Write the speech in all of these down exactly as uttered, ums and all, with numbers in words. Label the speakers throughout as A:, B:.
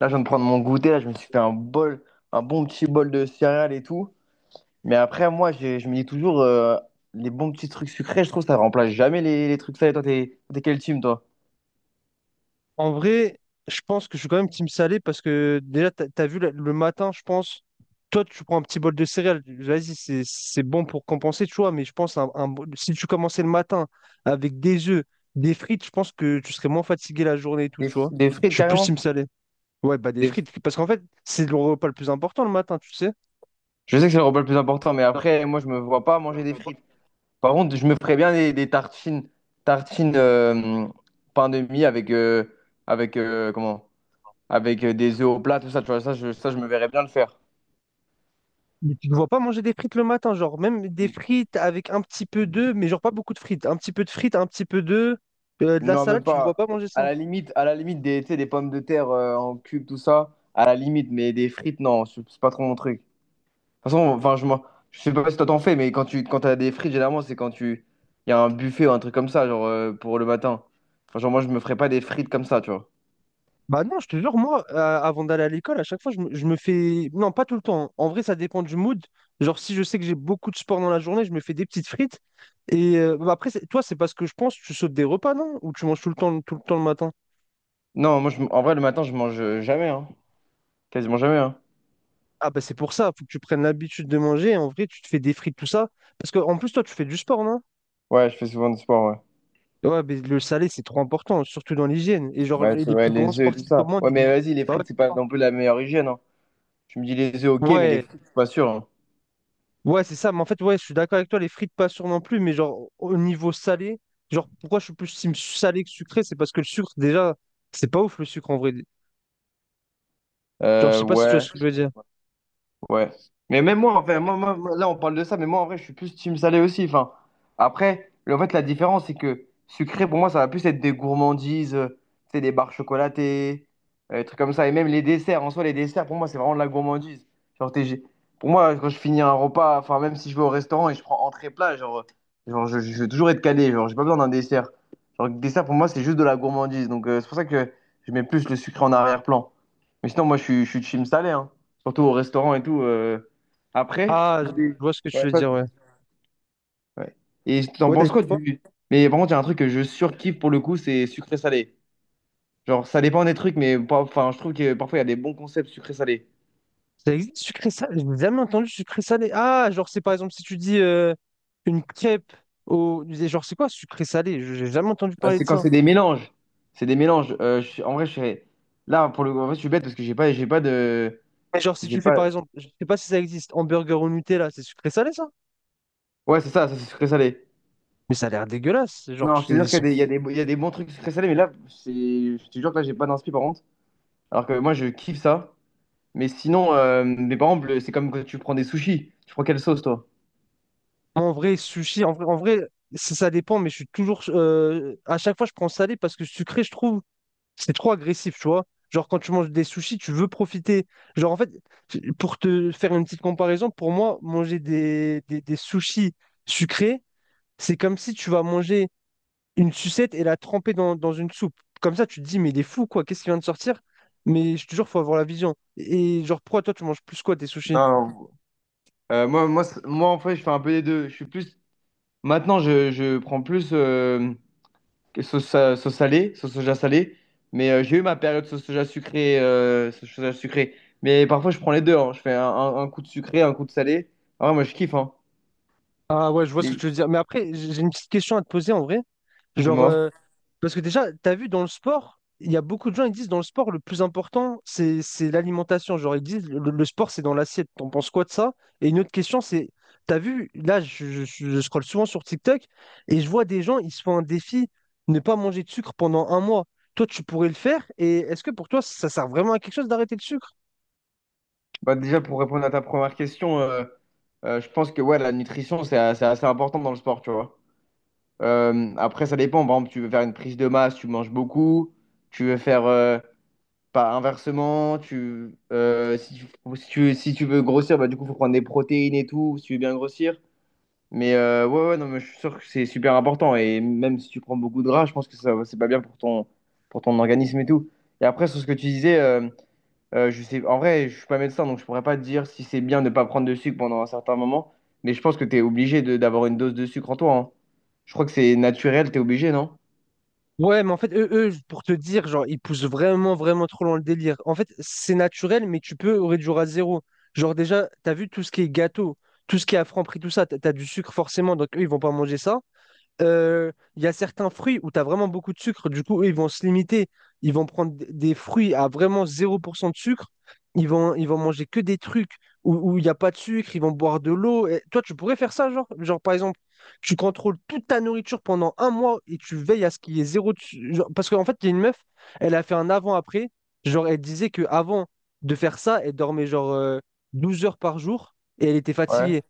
A: Là, je viens de prendre mon goûter, là, je me suis fait un bol, un bon petit bol de céréales et tout. Mais après, moi, j'ai- je me dis toujours, euh, les bons petits trucs sucrés, je trouve, ça remplace jamais les, les trucs salés. Toi, t'es t'es quel team, toi?
B: En vrai, je pense que je suis quand même team salé parce que déjà, t'as, t'as vu la- le matin, je pense, toi, tu prends un petit bol de céréales. Vas-y, c'est, c'est bon pour compenser, tu vois, mais je pense un, un bol- si tu commençais le matin avec des œufs, des frites, je pense que tu serais moins fatigué la journée et tout,
A: Des,
B: tu vois.
A: des
B: Je
A: frites,
B: suis plus
A: carrément?
B: team salé. Ouais, bah des
A: Des-
B: frites, parce qu'en fait, c'est le repas le plus important le matin, tu sais.
A: Je sais que c'est le repas le plus important, mais après, moi, je me vois pas manger des frites. Par contre, je me ferais bien des, des tartines, tartines euh, pain de mie avec, euh, avec euh, comment? Avec euh, des œufs au plat, tout ça, tu vois, ça, je, ça, je me verrais bien le faire.
B: Mais tu ne vois pas manger des frites le matin, genre même des frites avec un petit peu d'œufs, mais genre pas beaucoup de frites. Un petit peu de frites, un petit peu d'œufs, euh, de la
A: Non,
B: salade,
A: même
B: tu ne vois pas
A: pas.
B: manger
A: À
B: ça.
A: la limite, à la limite des, tu sais, des pommes de terre euh, en cube, tout ça. À la limite, mais des frites, non, c'est c'est pas trop mon truc. De toute façon, enfin, je, m'en- je sais pas si toi t'en fais, mais quand tu quand t'as des frites, généralement, c'est quand tu. Il y a un buffet ou un truc comme ça, genre euh, pour le matin. Enfin, genre, moi, je me ferais pas des frites comme ça, tu vois.
B: Bah non, je te jure, moi, euh, avant d'aller à l'école, à chaque fois, je me, je me fais... Non, pas tout le temps. En vrai, ça dépend du mood. Genre, si je sais que j'ai beaucoup de sport dans la journée, je me fais des petites frites. Et euh, bah après, c'est- toi, c'est parce que je pense, tu sautes des repas, non? Ou tu manges tout le temps, tout le temps le matin?
A: Non, moi, je m- en vrai, le matin, je mange euh, jamais, hein. Quasiment jamais, hein.
B: Ah bah c'est pour ça, faut que tu prennes l'habitude de manger. En vrai, tu te fais des frites, tout ça. Parce que en plus, toi, tu fais du sport, non?
A: Ouais, je fais souvent du sport, ouais.
B: Ouais, mais le salé, c'est trop important, surtout dans l'hygiène. Et genre,
A: Bah, ouais, c'est-
B: les
A: ouais,
B: plus grands
A: les œufs et tout
B: sportifs au
A: ça.
B: monde,
A: Ouais, mais
B: ils...
A: vas-y, les
B: Bah ouais,
A: frites, c'est
B: c'est
A: pas
B: ça.
A: non plus la meilleure hygiène, hein. Je me dis les œufs, ok, mais les
B: Ouais,
A: frites, je suis pas sûr, hein.
B: Ouais, c'est ça, mais en fait, ouais, je suis d'accord avec toi, les frites pas sûres non plus, mais genre au niveau salé, genre pourquoi je suis plus team salé que sucré, c'est parce que le sucre, déjà, c'est pas ouf le sucre en vrai. Genre, je
A: Euh,
B: sais pas si tu vois
A: ouais.
B: ce que je veux dire.
A: Ouais. Mais même moi, enfin, moi, moi- moi, là, on parle de ça, mais moi, en vrai, je suis plus team salé aussi. Enfin, après, le- en fait, la différence, c'est que sucré, pour moi, ça va plus être des gourmandises, euh, tu sais, des barres chocolatées, euh, des trucs comme ça. Et même les desserts, en soi, les desserts, pour moi, c'est vraiment de la gourmandise. Genre, t'es- j'ai- pour moi, quand je finis un repas, enfin, même si je vais au restaurant et je prends entrée-plat, genre, genre je, je vais toujours être calé, genre, j'ai pas besoin d'un dessert. Genre, le dessert, pour moi, c'est juste de la gourmandise. Donc, euh, c'est pour ça que je mets plus le sucré en arrière-plan. Mais sinon, moi, je suis, je suis team salé, hein, surtout au restaurant et tout. euh. Après,
B: Ah, je
A: oui.
B: vois ce que tu
A: Ouais.
B: veux
A: Ouais.
B: dire, ouais.
A: Ouais. Et t'en
B: Ouais, t'as
A: penses
B: dit
A: quoi
B: quoi?
A: du... Mais par contre, il y a un truc que je surkiffe pour le coup, c'est sucré-salé. Genre, ça dépend des trucs, mais pas- enfin, je trouve que parfois, il y a des bons concepts sucré-salé.
B: Ça existe sucré salé, j'ai jamais entendu sucré salé. Ah, genre, c'est par exemple si tu dis euh, une crêpe au. Genre, c'est quoi sucré salé? Je- J'ai jamais entendu
A: Euh,
B: parler
A: C'est
B: de
A: quand
B: ça.
A: c'est des mélanges. C'est des mélanges. Euh, je suis- En vrai, je serais... Là, pour le coup, en fait, je suis bête parce que j'ai pas, j'ai pas de...
B: Mais genre, si
A: J'ai
B: tu fais
A: pas...
B: par exemple, je sais pas si ça existe, hamburger au Nutella, c'est sucré salé ça?
A: Ouais, c'est ça, ça c'est sucré-salé.
B: Mais ça a l'air dégueulasse, genre,
A: Non, je te jure qu'il
B: ils
A: y a des, il y a des, il y a des bons trucs sucré-salé, mais là, c'est... Je te jure que là, j'ai pas d'inspi, par contre. Alors que moi, je kiffe ça. Mais sinon, euh, mais par exemple, c'est comme quand tu prends des sushis. Tu prends quelle sauce, toi?
B: En vrai, sushi, en vrai, en vrai, ça, ça dépend, mais je suis toujours. euh, à chaque fois, je prends salé parce que sucré, je trouve, c'est trop agressif, tu vois. Genre, quand tu manges des sushis, tu veux profiter. Genre, en fait, pour te faire une petite comparaison, pour moi, manger des, des, des sushis sucrés, c'est comme si tu vas manger une sucette et la tremper dans, dans une soupe. Comme ça, tu te dis, mais il est fou, quoi, qu'est-ce qui vient de sortir? Mais je te jure, faut avoir la vision. Et genre, pourquoi toi, tu manges plus quoi, des sushis?
A: Non, Euh, moi, moi, c'est- moi, en fait, je fais un peu des deux. Je suis plus. Maintenant, je, je prends plus euh, que sauce, sa- sauce salée, sauce soja salée. Mais euh, j'ai eu ma période sauce soja sucrée, euh, sauce soja sucrée. Mais parfois, je prends les deux, hein. Je fais un, un- un coup de sucré, un coup de salé. Ah, moi, je kiffe. Hein.
B: Ah ouais, je vois ce que
A: Et-
B: tu veux dire. Mais après, j'ai j'ai une petite question à te poser en vrai. Genre,
A: Dis-moi.
B: euh, parce que déjà, t'as vu dans le sport, il y a beaucoup de gens qui disent dans le sport, le plus important, c'est c'est l'alimentation. Genre, ils disent le, le sport, c'est dans l'assiette. T'en penses quoi de ça? Et une autre question, c'est, t'as vu, là, je, je, je scrolle souvent sur TikTok et je vois des gens, ils se font un défi, ne pas manger de sucre pendant un mois. Toi, tu pourrais le faire. Et est-ce que pour toi, ça sert vraiment à quelque chose d'arrêter le sucre?
A: Bah, déjà, pour répondre à ta première question, euh, euh, je pense que ouais, la nutrition, c'est a- c'est assez important dans le sport, tu vois. Euh, après, ça dépend. Par exemple, tu veux faire une prise de masse, tu manges beaucoup. Tu veux faire euh, pas inversement. Tu, euh, si tu, si tu, si tu veux grossir, bah, du coup, faut prendre des protéines et tout, si tu veux bien grossir. Mais euh, ouais, ouais, non, mais je suis sûr que c'est super important. Et même si tu prends beaucoup de gras, je pense que ça, c'est pas bien pour ton, pour ton organisme et tout. Et après, sur ce que tu disais. euh, euh, je sais, en vrai, je suis pas médecin, donc je pourrais pas te dire si c'est bien de ne pas prendre de sucre pendant un certain moment. Mais je pense que tu es obligé de- d'avoir une dose de sucre en toi, hein. Je crois que c'est naturel, tu es obligé, non?
B: Ouais, mais en fait, eux, eux, pour te dire, genre, ils poussent vraiment, vraiment trop loin le délire. En fait, c'est naturel, mais tu peux réduire à zéro. Genre, déjà, t'as vu tout ce qui est gâteau, tout ce qui est à Franprix, tout ça, t'as t'as du sucre forcément, donc eux, ils vont pas manger ça. Euh, Il y a certains fruits où tu as vraiment beaucoup de sucre, du coup, eux, ils vont se limiter. Ils vont prendre d- des fruits à vraiment zéro pour cent de sucre. Ils vont, ils vont manger que des trucs où où il n'y a pas de sucre. Ils vont boire de l'eau. Et Toi, tu pourrais faire ça, genre, genre, par exemple, tu contrôles toute ta nourriture pendant un mois et tu veilles à ce qu'il y ait zéro. De su- genre- parce qu'en fait, il y a une meuf, elle a fait un avant-après. Genre, elle disait que avant de faire ça, elle dormait genre euh, douze heures par jour et elle était
A: Ouais.
B: fatiguée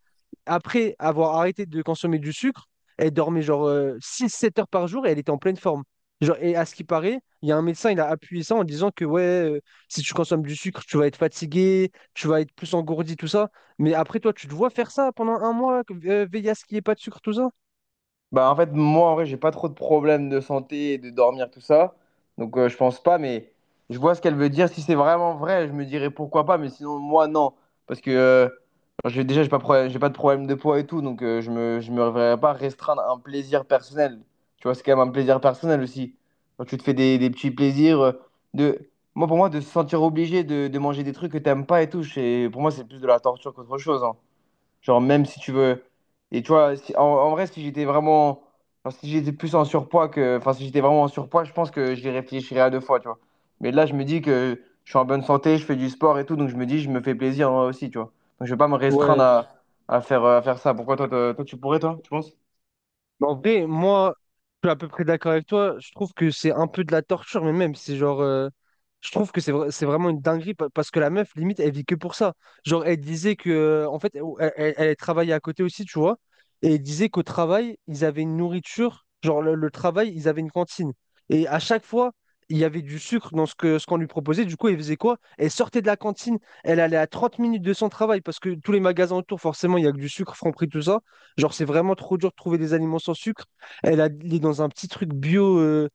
B: après avoir arrêté de consommer du sucre, elle dormait genre euh, six sept heures par jour et elle était en pleine forme. Genre, et à ce qui paraît, il y a un médecin, il a appuyé ça en disant que ouais, euh, si tu consommes du sucre, tu vas être fatigué, tu vas être plus engourdi, tout ça. Mais après, toi, tu te vois faire ça pendant un mois, que- euh, veiller à ce qu'il n'y ait pas de sucre, tout ça?
A: Bah en fait moi en vrai j'ai pas trop de problèmes de santé et de dormir tout ça donc euh, je pense pas, mais je vois ce qu'elle veut dire, si c'est vraiment vrai je me dirais pourquoi pas, mais sinon moi non, parce que euh, j'ai déjà j'ai pas problème- j'ai pas de problème de poids et tout donc euh, je me je me verrais pas restreindre un plaisir personnel, tu vois c'est quand même un plaisir personnel aussi quand tu te fais des, des petits plaisirs euh, de moi pour moi de se sentir obligé de, de manger des trucs que t'aimes pas et tout c'est- pour moi c'est plus de la torture qu'autre chose, hein. Genre, même si tu veux. Et tu vois, si- en, en vrai, si j'étais vraiment. Enfin, si j'étais plus en surpoids que. Enfin, si j'étais vraiment en surpoids, je pense que j'y réfléchirais à deux fois, tu vois. Mais là, je me dis que je suis en bonne santé, je fais du sport et tout, donc je me dis, je me fais plaisir moi aussi, tu vois. Donc, je vais pas me restreindre
B: Ouais,
A: à, à faire, euh, à faire ça. Pourquoi toi, toi, toi, tu pourrais, toi, tu penses?
B: mais en vrai, moi, je suis à peu près d'accord avec toi. Je trouve que c'est un peu de la torture, mais même, c'est genre. Euh, je trouve que c'est vra- c'est vraiment une dinguerie pa- parce que la meuf, limite, elle vit que pour ça. Genre, elle disait que. euh, En fait, elle, elle- elle travaillait à côté aussi, tu vois. Et elle disait qu'au travail, ils avaient une nourriture. Genre, le, le travail, ils avaient une cantine. Et à chaque fois, il y avait du sucre dans ce que, ce qu'on lui proposait. Du coup, elle faisait quoi? Elle sortait de la cantine. Elle allait à trente minutes de son travail parce que tous les magasins autour, forcément, il y a que du sucre, Franprix, tout ça. Genre, c'est vraiment trop dur de trouver des aliments sans sucre. Elle a, il est dans un petit truc bio, euh,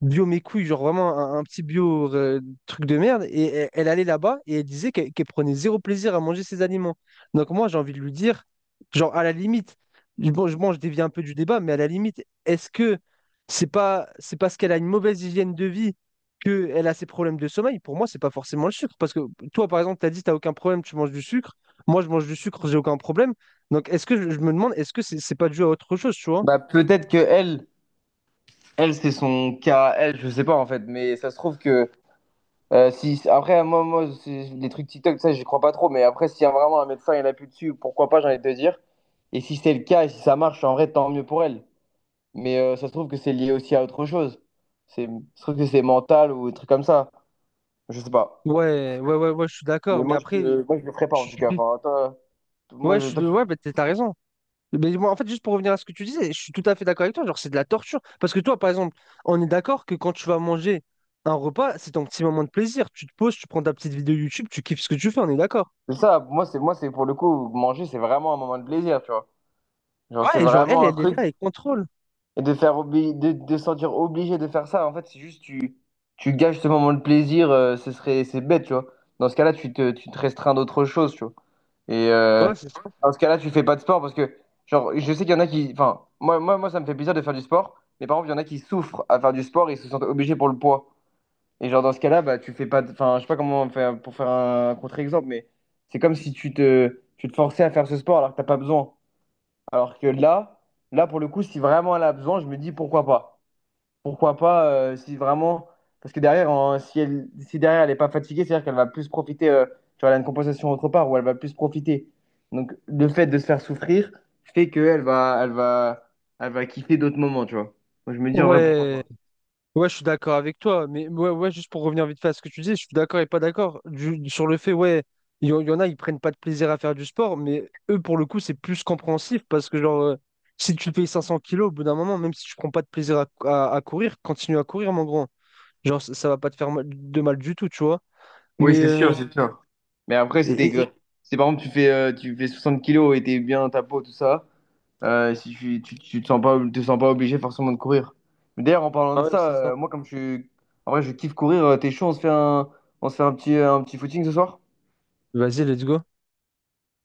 B: bio mes couilles, genre vraiment un, un petit bio euh, truc de merde. Et elle, elle allait là-bas et elle disait qu'elle qu'elle prenait zéro plaisir à manger ses aliments. Donc moi, j'ai envie de lui dire, genre à la limite, je- bon, je, bon, je dévie un peu du débat, mais à la limite, est-ce que c'est pas, c'est parce qu'elle a une mauvaise hygiène de vie qu'elle a ses problèmes de sommeil? Pour moi, c'est pas forcément le sucre. Parce que toi, par exemple, tu as dit, t'as aucun problème, tu manges du sucre. Moi, je mange du sucre, j'ai aucun problème. Donc, est-ce que je, je me demande, est-ce que c'est c'est pas dû à autre chose, tu vois?
A: Bah, peut-être que elle, elle, c'est son cas, à elle, je sais pas en fait, mais ça se trouve que. Euh, si, après, moi, moi c'est- les trucs TikTok, ça, j'y crois pas trop. Mais après, s'il y a vraiment un médecin et l'appuie dessus, pourquoi pas, j'ai envie de te dire. Et si c'est le cas et si ça marche, en vrai, tant mieux pour elle. Mais euh, ça se trouve que c'est lié aussi à autre chose. C'est, ça se trouve que c'est mental ou un truc comme ça. Je sais pas.
B: Ouais, ouais, ouais, ouais, je suis d'accord.
A: Mais
B: Mais
A: moi, je,
B: après,
A: euh, moi, je le ferais pas, en
B: je
A: tout
B: suis...
A: cas. Enfin, toi, t- moi,
B: ouais, je
A: je,
B: suis...
A: toi, tu-
B: ouais, bah, t'as t'as raison. Mais moi, en fait, juste pour revenir à ce que tu disais, je suis tout à fait d'accord avec toi. Genre, c'est de la torture. Parce que toi, par exemple, on est d'accord que quand tu vas manger un repas, c'est ton petit moment de plaisir. Tu te poses, tu prends ta petite vidéo YouTube, tu kiffes ce que tu fais, on est d'accord.
A: c'est ça, moi, c'est, moi, c'est pour le coup, manger, c'est vraiment un moment de plaisir, tu vois. Genre, c'est
B: Ouais, et genre, elle,
A: vraiment un
B: elle est
A: truc.
B: là, elle contrôle.
A: Et de faire obli- de, de se sentir obligé de faire ça, en fait, c'est juste tu, tu gâches ce moment de plaisir, euh, ce serait, c'est bête, tu vois. Dans ce cas-là, tu te, tu te restreins d'autres choses, tu vois. Et euh,
B: Ouais, c'est ça.
A: dans ce cas-là, tu fais pas de sport parce que, genre, je sais qu'il y en a qui. Enfin, moi, moi, moi, ça me fait plaisir de faire du sport, mais par exemple, il y en a qui souffrent à faire du sport et se sentent obligés pour le poids. Et genre, dans ce cas-là, bah, tu fais pas. De- Enfin, je sais pas comment faire pour faire un contre-exemple, mais c'est comme si tu te, tu te forçais à faire ce sport alors que t'as pas besoin. Alors que là, là, pour le coup, si vraiment elle a besoin, je me dis pourquoi pas. Pourquoi pas euh, si vraiment. Parce que derrière, en- si, elle, si derrière elle n'est pas fatiguée, c'est-à-dire qu'elle va plus profiter. euh, tu vois, elle a une compensation autre part où elle va plus profiter. Donc le fait de se faire souffrir fait qu'elle va, elle va, elle va kiffer d'autres moments, tu vois. Moi, je me dis en vrai, pourquoi
B: Ouais,
A: pas.
B: ouais, je suis d'accord avec toi, mais ouais, ouais, juste pour revenir vite fait à ce que tu dis, je suis d'accord et pas d'accord Du- sur le fait, ouais, il y, en il y en a, ils prennent pas de plaisir à faire du sport, mais eux, pour le coup, c'est plus compréhensif parce que, genre, euh, si tu payes cinq cents kilos, au bout d'un moment, même si tu prends pas de plaisir à, à- à courir, continue à courir, mon grand. Genre, ça, ça va pas te faire mal- de mal du tout, tu vois. Mais,
A: Oui, c'est
B: euh,
A: sûr, c'est sûr. Mais après,
B: et-
A: c'était
B: et-
A: que.
B: et-
A: Si par exemple, tu fais, euh, tu fais soixante kilos et t'es bien dans ta peau, tout ça. Euh, si tu, tu, tu te sens pas, te sens pas obligé forcément de courir. Mais d'ailleurs, en parlant
B: Ah
A: de
B: ouais,
A: ça,
B: c'est ça.
A: euh, moi, comme je suis. En vrai, je kiffe courir. euh, T'es chaud, on se fait un, on se fait un petit, euh, un petit footing ce soir?
B: Vas-y, let's go.